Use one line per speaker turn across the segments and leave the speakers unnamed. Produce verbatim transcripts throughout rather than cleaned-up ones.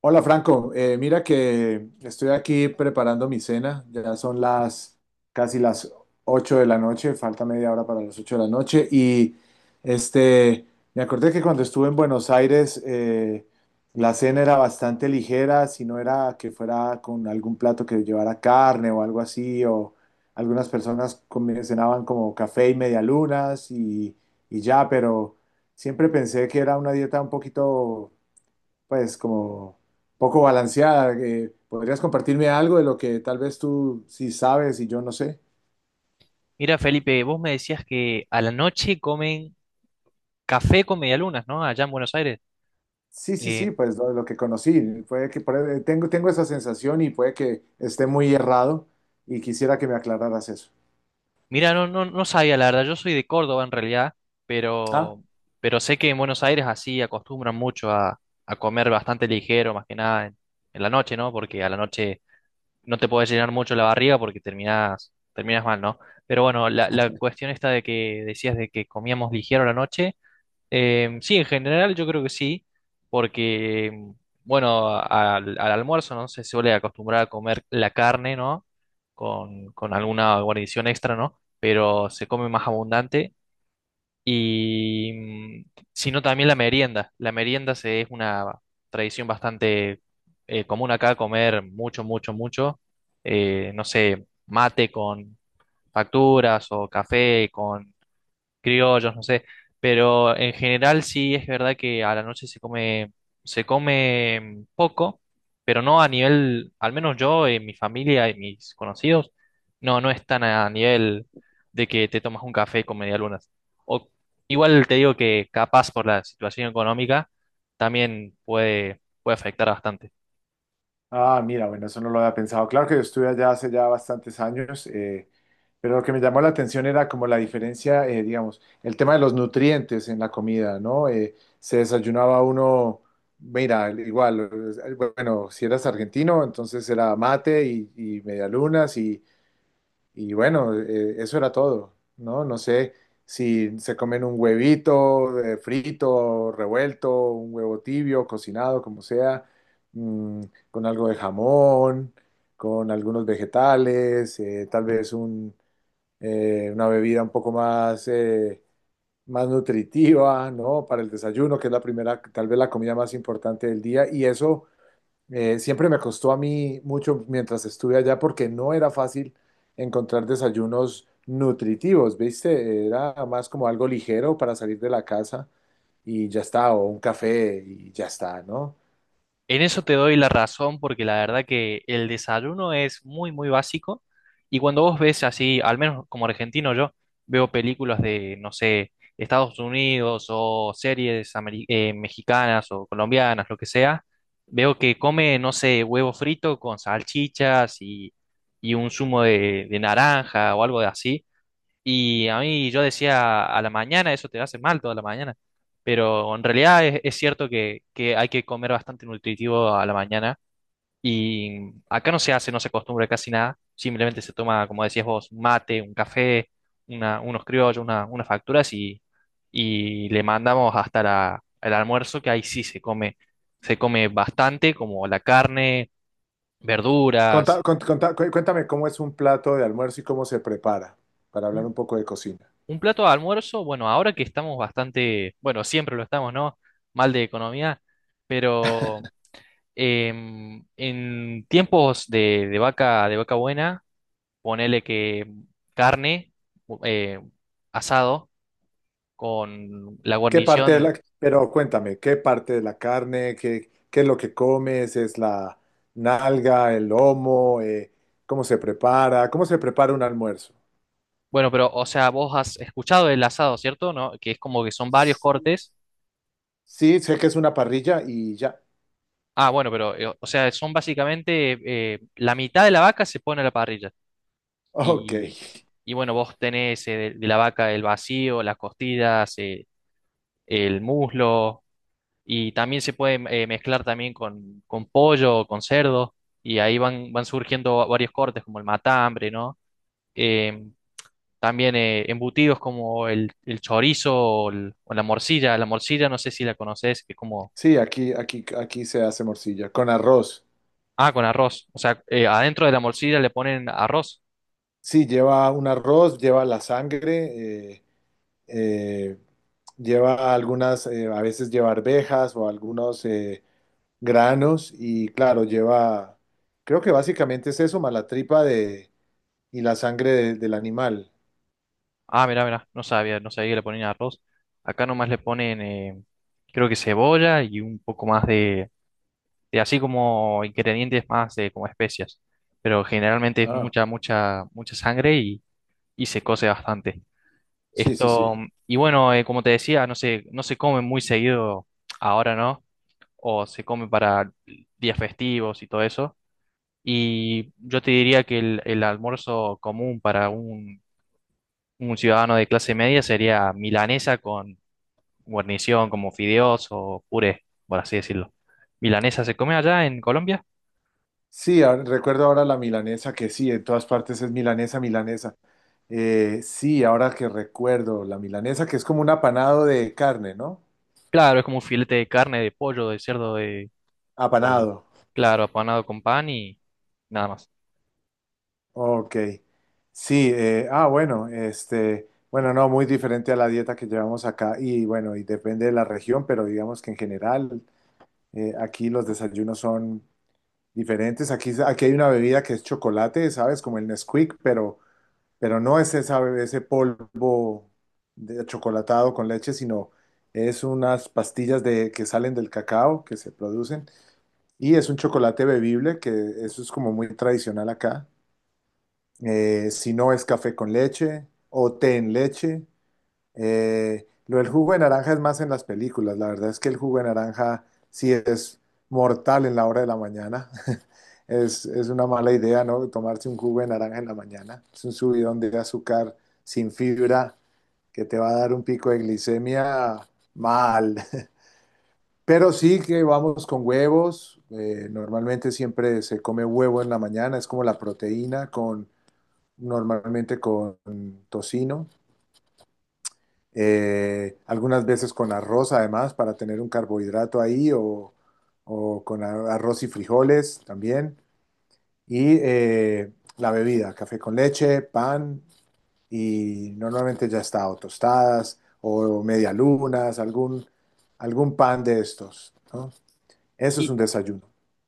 Hola, Franco. Eh, mira que estoy aquí preparando mi cena, ya son las casi las ocho de la noche, falta media hora para las ocho de la noche y este, me acordé que cuando estuve en Buenos Aires, eh, la cena era bastante ligera, si no era que fuera con algún plato que llevara carne o algo así, o algunas personas comi- cenaban como café y medialunas y, y ya, pero siempre pensé que era una dieta un poquito, pues, como poco balanceada. ¿Que podrías compartirme algo de lo que tal vez tú sí sabes y yo no sé?
Mira, Felipe, vos me decías que a la noche comen café con medialunas, ¿no? Allá en Buenos Aires.
Sí, sí, sí,
Eh,
pues lo, lo que conocí. Puede que por- eh, tengo, tengo esa sensación y puede que esté muy errado, y quisiera que me aclararas eso.
mira, no, no, no sabía, la verdad, yo soy de Córdoba en realidad,
Ah.
pero, pero sé que en Buenos Aires así acostumbran mucho a, a comer bastante ligero, más que nada en, en la noche, ¿no? Porque a la noche no te puedes llenar mucho la barriga porque terminás, terminas mal, ¿no? Pero bueno, la, la cuestión esta de que decías de que comíamos ligero a la noche. Em, sí, en general yo creo que sí, porque, em, bueno, al, al almuerzo, ¿no? Se suele acostumbrar a comer la carne, ¿no? Con, con alguna guarnición extra, ¿no? Pero se come más abundante y, mm, sino también la merienda. La merienda se, es una tradición bastante eh, común acá, comer mucho, mucho, mucho, eh, no sé, mate con facturas o café criollos, no sé, pero en general sí es verdad que a la noche se come, se come poco, pero no a nivel, al menos yo, en mi familia y mis conocidos, no, no es tan a nivel de que te tomas un café con medialunas. O igual te digo que capaz por la situación económica también puede, puede afectar bastante.
Ah, mira, bueno, eso no lo había pensado. Claro que yo estuve allá hace ya bastantes años, eh, pero lo que me llamó la atención era como la diferencia, eh, digamos, el tema de los nutrientes en la comida, ¿no? Eh, se desayunaba uno, mira, igual, eh, bueno, si eras argentino, entonces era mate y, y medialunas y, y bueno, eh, eso era todo, ¿no? No sé si se comen un huevito, eh, frito, revuelto, un huevo tibio, cocinado, como sea, mm, con algo de jamón, con algunos vegetales, eh, tal vez un, eh, una bebida un poco más, eh, más nutritiva, ¿no? Para el desayuno, que es la primera, tal vez la comida más importante del día. Y eso, eh, siempre me costó a mí mucho mientras estuve allá, porque no era fácil encontrar desayunos nutritivos, ¿viste? Era más como algo ligero para salir de la casa y ya está, o un café y ya está, ¿no?
En eso te doy la razón porque la verdad que el desayuno es muy, muy básico y cuando vos ves así, al menos como argentino yo, veo películas de, no sé, Estados Unidos o series ameri- eh, mexicanas o colombianas, lo que sea, veo que come, no sé, huevo frito con salchichas y, y un zumo de, de naranja o algo de así y a mí yo decía a la mañana, eso te hace mal toda la mañana, pero en realidad es, es cierto que, que hay que comer bastante nutritivo a la mañana y acá no se hace, no se acostumbra casi nada, simplemente se toma, como decías vos, un mate, un café, una, unos criollos, una- unas facturas y, y le mandamos hasta la- el almuerzo que ahí sí se come, se come bastante como la carne,
Conta-
verduras.
cont- conta- cu- cuéntame cómo es un plato de almuerzo y cómo se prepara, para hablar un poco de cocina.
Un plato de almuerzo, bueno, ahora que estamos bastante, bueno, siempre lo estamos, ¿no? Mal de economía, pero em, en tiempos de, de vaca, de vaca buena, ponele que carne, eh, asado, con la
¿Qué parte de
guarnición,
la, Pero cuéntame, ¿qué parte de la carne, qué, qué es lo que comes? ¿Es la nalga, el lomo? eh, cómo se prepara, cómo se prepara un almuerzo?
bueno, pero, o sea, vos has escuchado el asado, ¿cierto? ¿No? Que es como que son varios cortes.
Sí, sé que es una parrilla y ya.
Ah, bueno, pero, eh, o sea, son básicamente, eh, la mitad de la vaca se pone a la parrilla.
Ok.
Y, y bueno, vos tenés eh, de, de la vaca el vacío, las costillas, eh, el muslo, y también se puede eh, mezclar también con, con pollo o con cerdo, y ahí van, van surgiendo va- varios cortes como el matambre, ¿no? Eh, También eh, embutidos como el, el chorizo o, el- o la morcilla. La morcilla, no sé si la conoces, que es como,
Sí, aquí, aquí, aquí se hace morcilla con arroz.
ah, con arroz. O sea, eh, adentro de la morcilla le ponen arroz.
Sí, lleva un arroz, lleva la sangre, eh, eh, lleva algunas, eh, a veces lleva arvejas o algunos, eh, granos, y claro, lleva, creo que básicamente es eso, más la tripa de, y la sangre de- del animal.
Ah, mirá, mirá, no sabía, no sabía que le ponían arroz. Acá nomás le ponen, eh, creo que cebolla y un poco más de, de así como ingredientes más de como especias. Pero generalmente es
Ah,
mucha, mucha, mucha sangre y, y se cose bastante.
sí, sí,
Esto,
sí.
y bueno, eh, como te decía, no se, no se come muy seguido ahora, ¿no? O se come para días festivos y todo eso. Y yo te diría que el, el almuerzo común para un, un ciudadano de clase media sería milanesa guarnición como fideos o puré, por así decirlo. ¿Milanesa se come allá en Colombia?
Sí, ahora- recuerdo ahora la milanesa, que sí, en todas partes es milanesa, milanesa. Eh, sí, ahora que recuerdo, la milanesa, que es como un apanado de carne, ¿no?
Claro, es como un filete de carne, de pollo, de cerdo, de... o-
Apanado.
claro, apanado con pan y nada más.
Ok. Sí, eh, ah, bueno, este, bueno, no, muy diferente a la dieta que llevamos acá, y bueno, y depende de la región, pero digamos que, en general, eh, aquí los desayunos son diferentes. Aquí, aquí hay una bebida que es chocolate, ¿sabes? Como el Nesquik, pero pero no es esa- ese polvo de chocolatado con leche, sino es unas pastillas de, que salen del cacao, que se producen, y es un chocolate bebible, que eso es como muy tradicional acá. Eh, si no es café con leche o té en leche, eh, lo del jugo de naranja es más en las películas. La verdad es que el jugo de naranja sí es mortal en la hora de la mañana. Es, es una mala idea, ¿no? Tomarse un jugo de naranja en la mañana. Es un subidón de azúcar sin fibra, que te va a dar un pico de glicemia mal. Pero sí que vamos con huevos. eh, normalmente siempre se come huevo en la mañana. Es como la proteína con, normalmente con tocino. eh, algunas veces con arroz, además, para tener un carbohidrato ahí, o, o con a- arroz y frijoles también. Y, eh, la bebida, café con leche, pan, y normalmente ya está, o tostadas o medialunas, algún, algún pan de estos, ¿no? Eso es un
Y,
desayuno.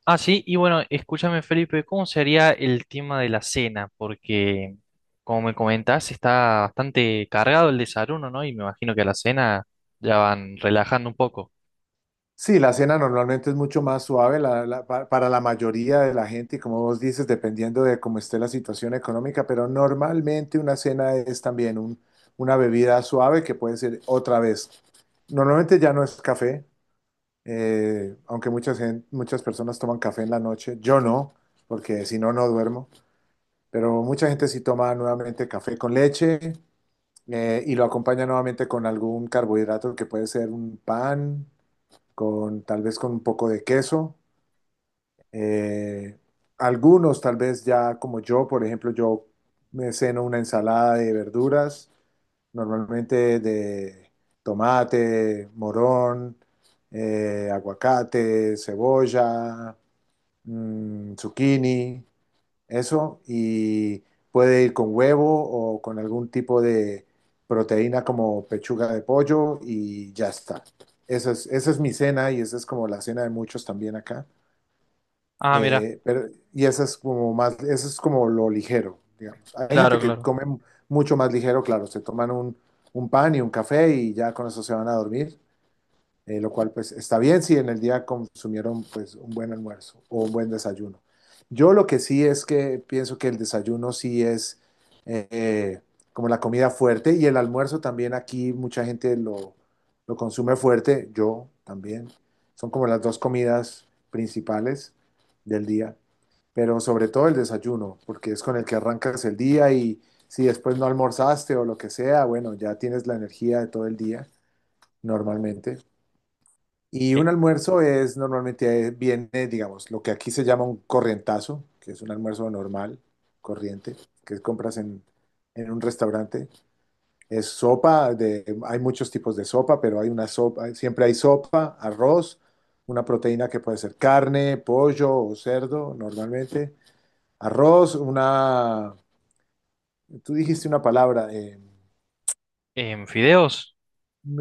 ah, sí, y bueno, escúchame, Felipe, ¿cómo sería el tema de la cena? Porque, como me comentás, está bastante cargado el desayuno, ¿no? Y me imagino que a la cena ya van relajando un poco.
Sí, la cena normalmente es mucho más suave, la- la- pa- para la mayoría de la gente, y, como vos dices, dependiendo de cómo esté la situación económica, pero normalmente una cena es también un- una bebida suave, que puede ser otra vez. Normalmente ya no es café, eh, aunque muchas, gen- muchas personas toman café en la noche, yo no, porque si no, no duermo, pero mucha gente sí toma nuevamente café con leche, eh, y lo acompaña nuevamente con algún carbohidrato, que puede ser un pan con, tal vez, con un poco de queso. Eh, algunos tal vez, ya, como yo, por ejemplo, yo me ceno una ensalada de verduras, normalmente de tomate, morón, eh, aguacate, cebolla, mm, zucchini, eso, y puede ir con huevo o con algún tipo de proteína, como pechuga de pollo, y ya está. Esa es, esa es mi cena, y esa es como la cena de muchos también acá.
Ah, mira,
Eh, pero, y esa es como más, eso es como lo ligero, digamos. Hay gente
claro,
que
claro.
come mucho más ligero, claro, se toman un, un pan y un café, y ya con eso se van a dormir, eh, lo cual, pues, está bien si en el día consumieron, pues, un buen almuerzo o un buen desayuno. Yo, lo que sí es que pienso que el desayuno sí es, eh, como la comida fuerte, y el almuerzo también aquí mucha gente lo, lo consume fuerte, yo también. Son como las dos comidas principales del día, pero sobre todo el desayuno, porque es con el que arrancas el día, y si después no almorzaste o lo que sea, bueno, ya tienes la energía de todo el día normalmente. Y
Eh,
un almuerzo es normalmente, eh, viene, digamos, lo que aquí se llama un corrientazo, que es un almuerzo normal, corriente, que compras en, en un restaurante. Es sopa, de, hay muchos tipos de sopa, pero hay una sopa, siempre hay sopa, arroz, una proteína que puede ser carne, pollo o cerdo, normalmente. Arroz, una, tú dijiste una palabra, eh,
¿en fideos?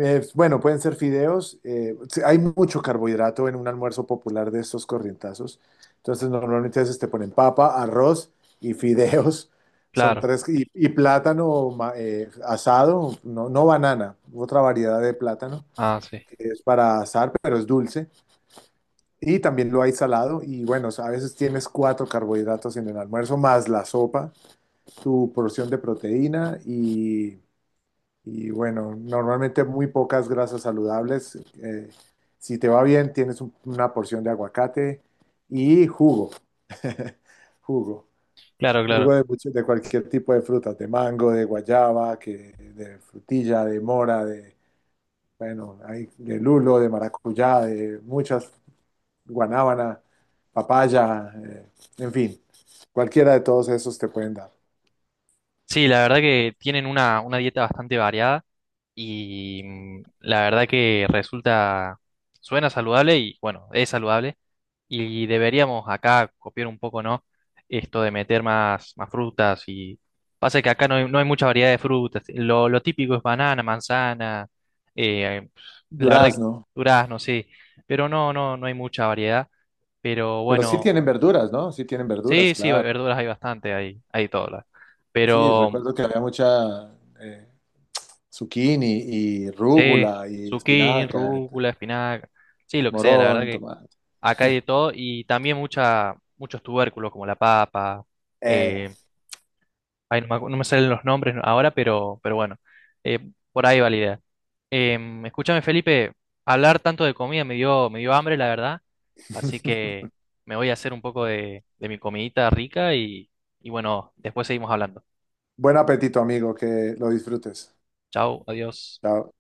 Eh, bueno, pueden ser fideos. eh, sí, hay mucho carbohidrato en un almuerzo popular de estos corrientazos. Entonces, normalmente, a veces te ponen papa, arroz y fideos. Son
Claro.
tres. Y, y plátano, ma- eh, asado, no, no banana, otra variedad de plátano
Ah, sí.
que es para asar, pero es dulce. Y también lo hay salado. Y bueno, a veces tienes cuatro carbohidratos en el almuerzo, más la sopa, tu porción de proteína, y y bueno, normalmente muy pocas grasas saludables. Eh, si te va bien, tienes un- una porción de aguacate y jugo. Jugo.
Claro, claro.
Jugo de, mucho- de cualquier tipo de frutas, de mango, de guayaba, que, de frutilla, de mora, de, bueno, hay de lulo, de maracuyá, de muchas, guanábana, papaya, eh, en fin, cualquiera de todos esos te pueden dar.
Sí, la verdad que tienen una, una dieta bastante variada y mm, la verdad que resulta, suena saludable y bueno, es saludable y deberíamos acá copiar un poco, ¿no? Esto de meter más, más frutas y pasa que acá no hay, no hay mucha variedad de frutas. Lo, lo típico es banana, manzana, eh, la verdad que
Durazno.
durazno, sí, pero no, no, no hay mucha variedad, pero
Pero sí
bueno,
tienen verduras, ¿no? Sí tienen verduras,
sí, sí,
claro.
verduras hay bastante, hay, hay todas.
Sí,
Pero
recuerdo que había mucha, eh, zucchini y
sí,
rúgula y
zucchini,
espinaca,
rúcula, espinaca, sí, lo que sea, la verdad
morón,
que
tomate.
acá hay de todo y también mucha, muchos tubérculos como la papa,
Eh.
eh, ay, no me, acu- no me salen los nombres ahora, pero, pero bueno, eh, por ahí va la idea. Em, escúchame, Felipe, hablar tanto de comida me dio, me dio hambre, la verdad, así que me voy a hacer un poco de, de mi comidita rica y, y bueno, después seguimos hablando.
Buen apetito, amigo, que lo disfrutes.
Chao, adiós.
Chao.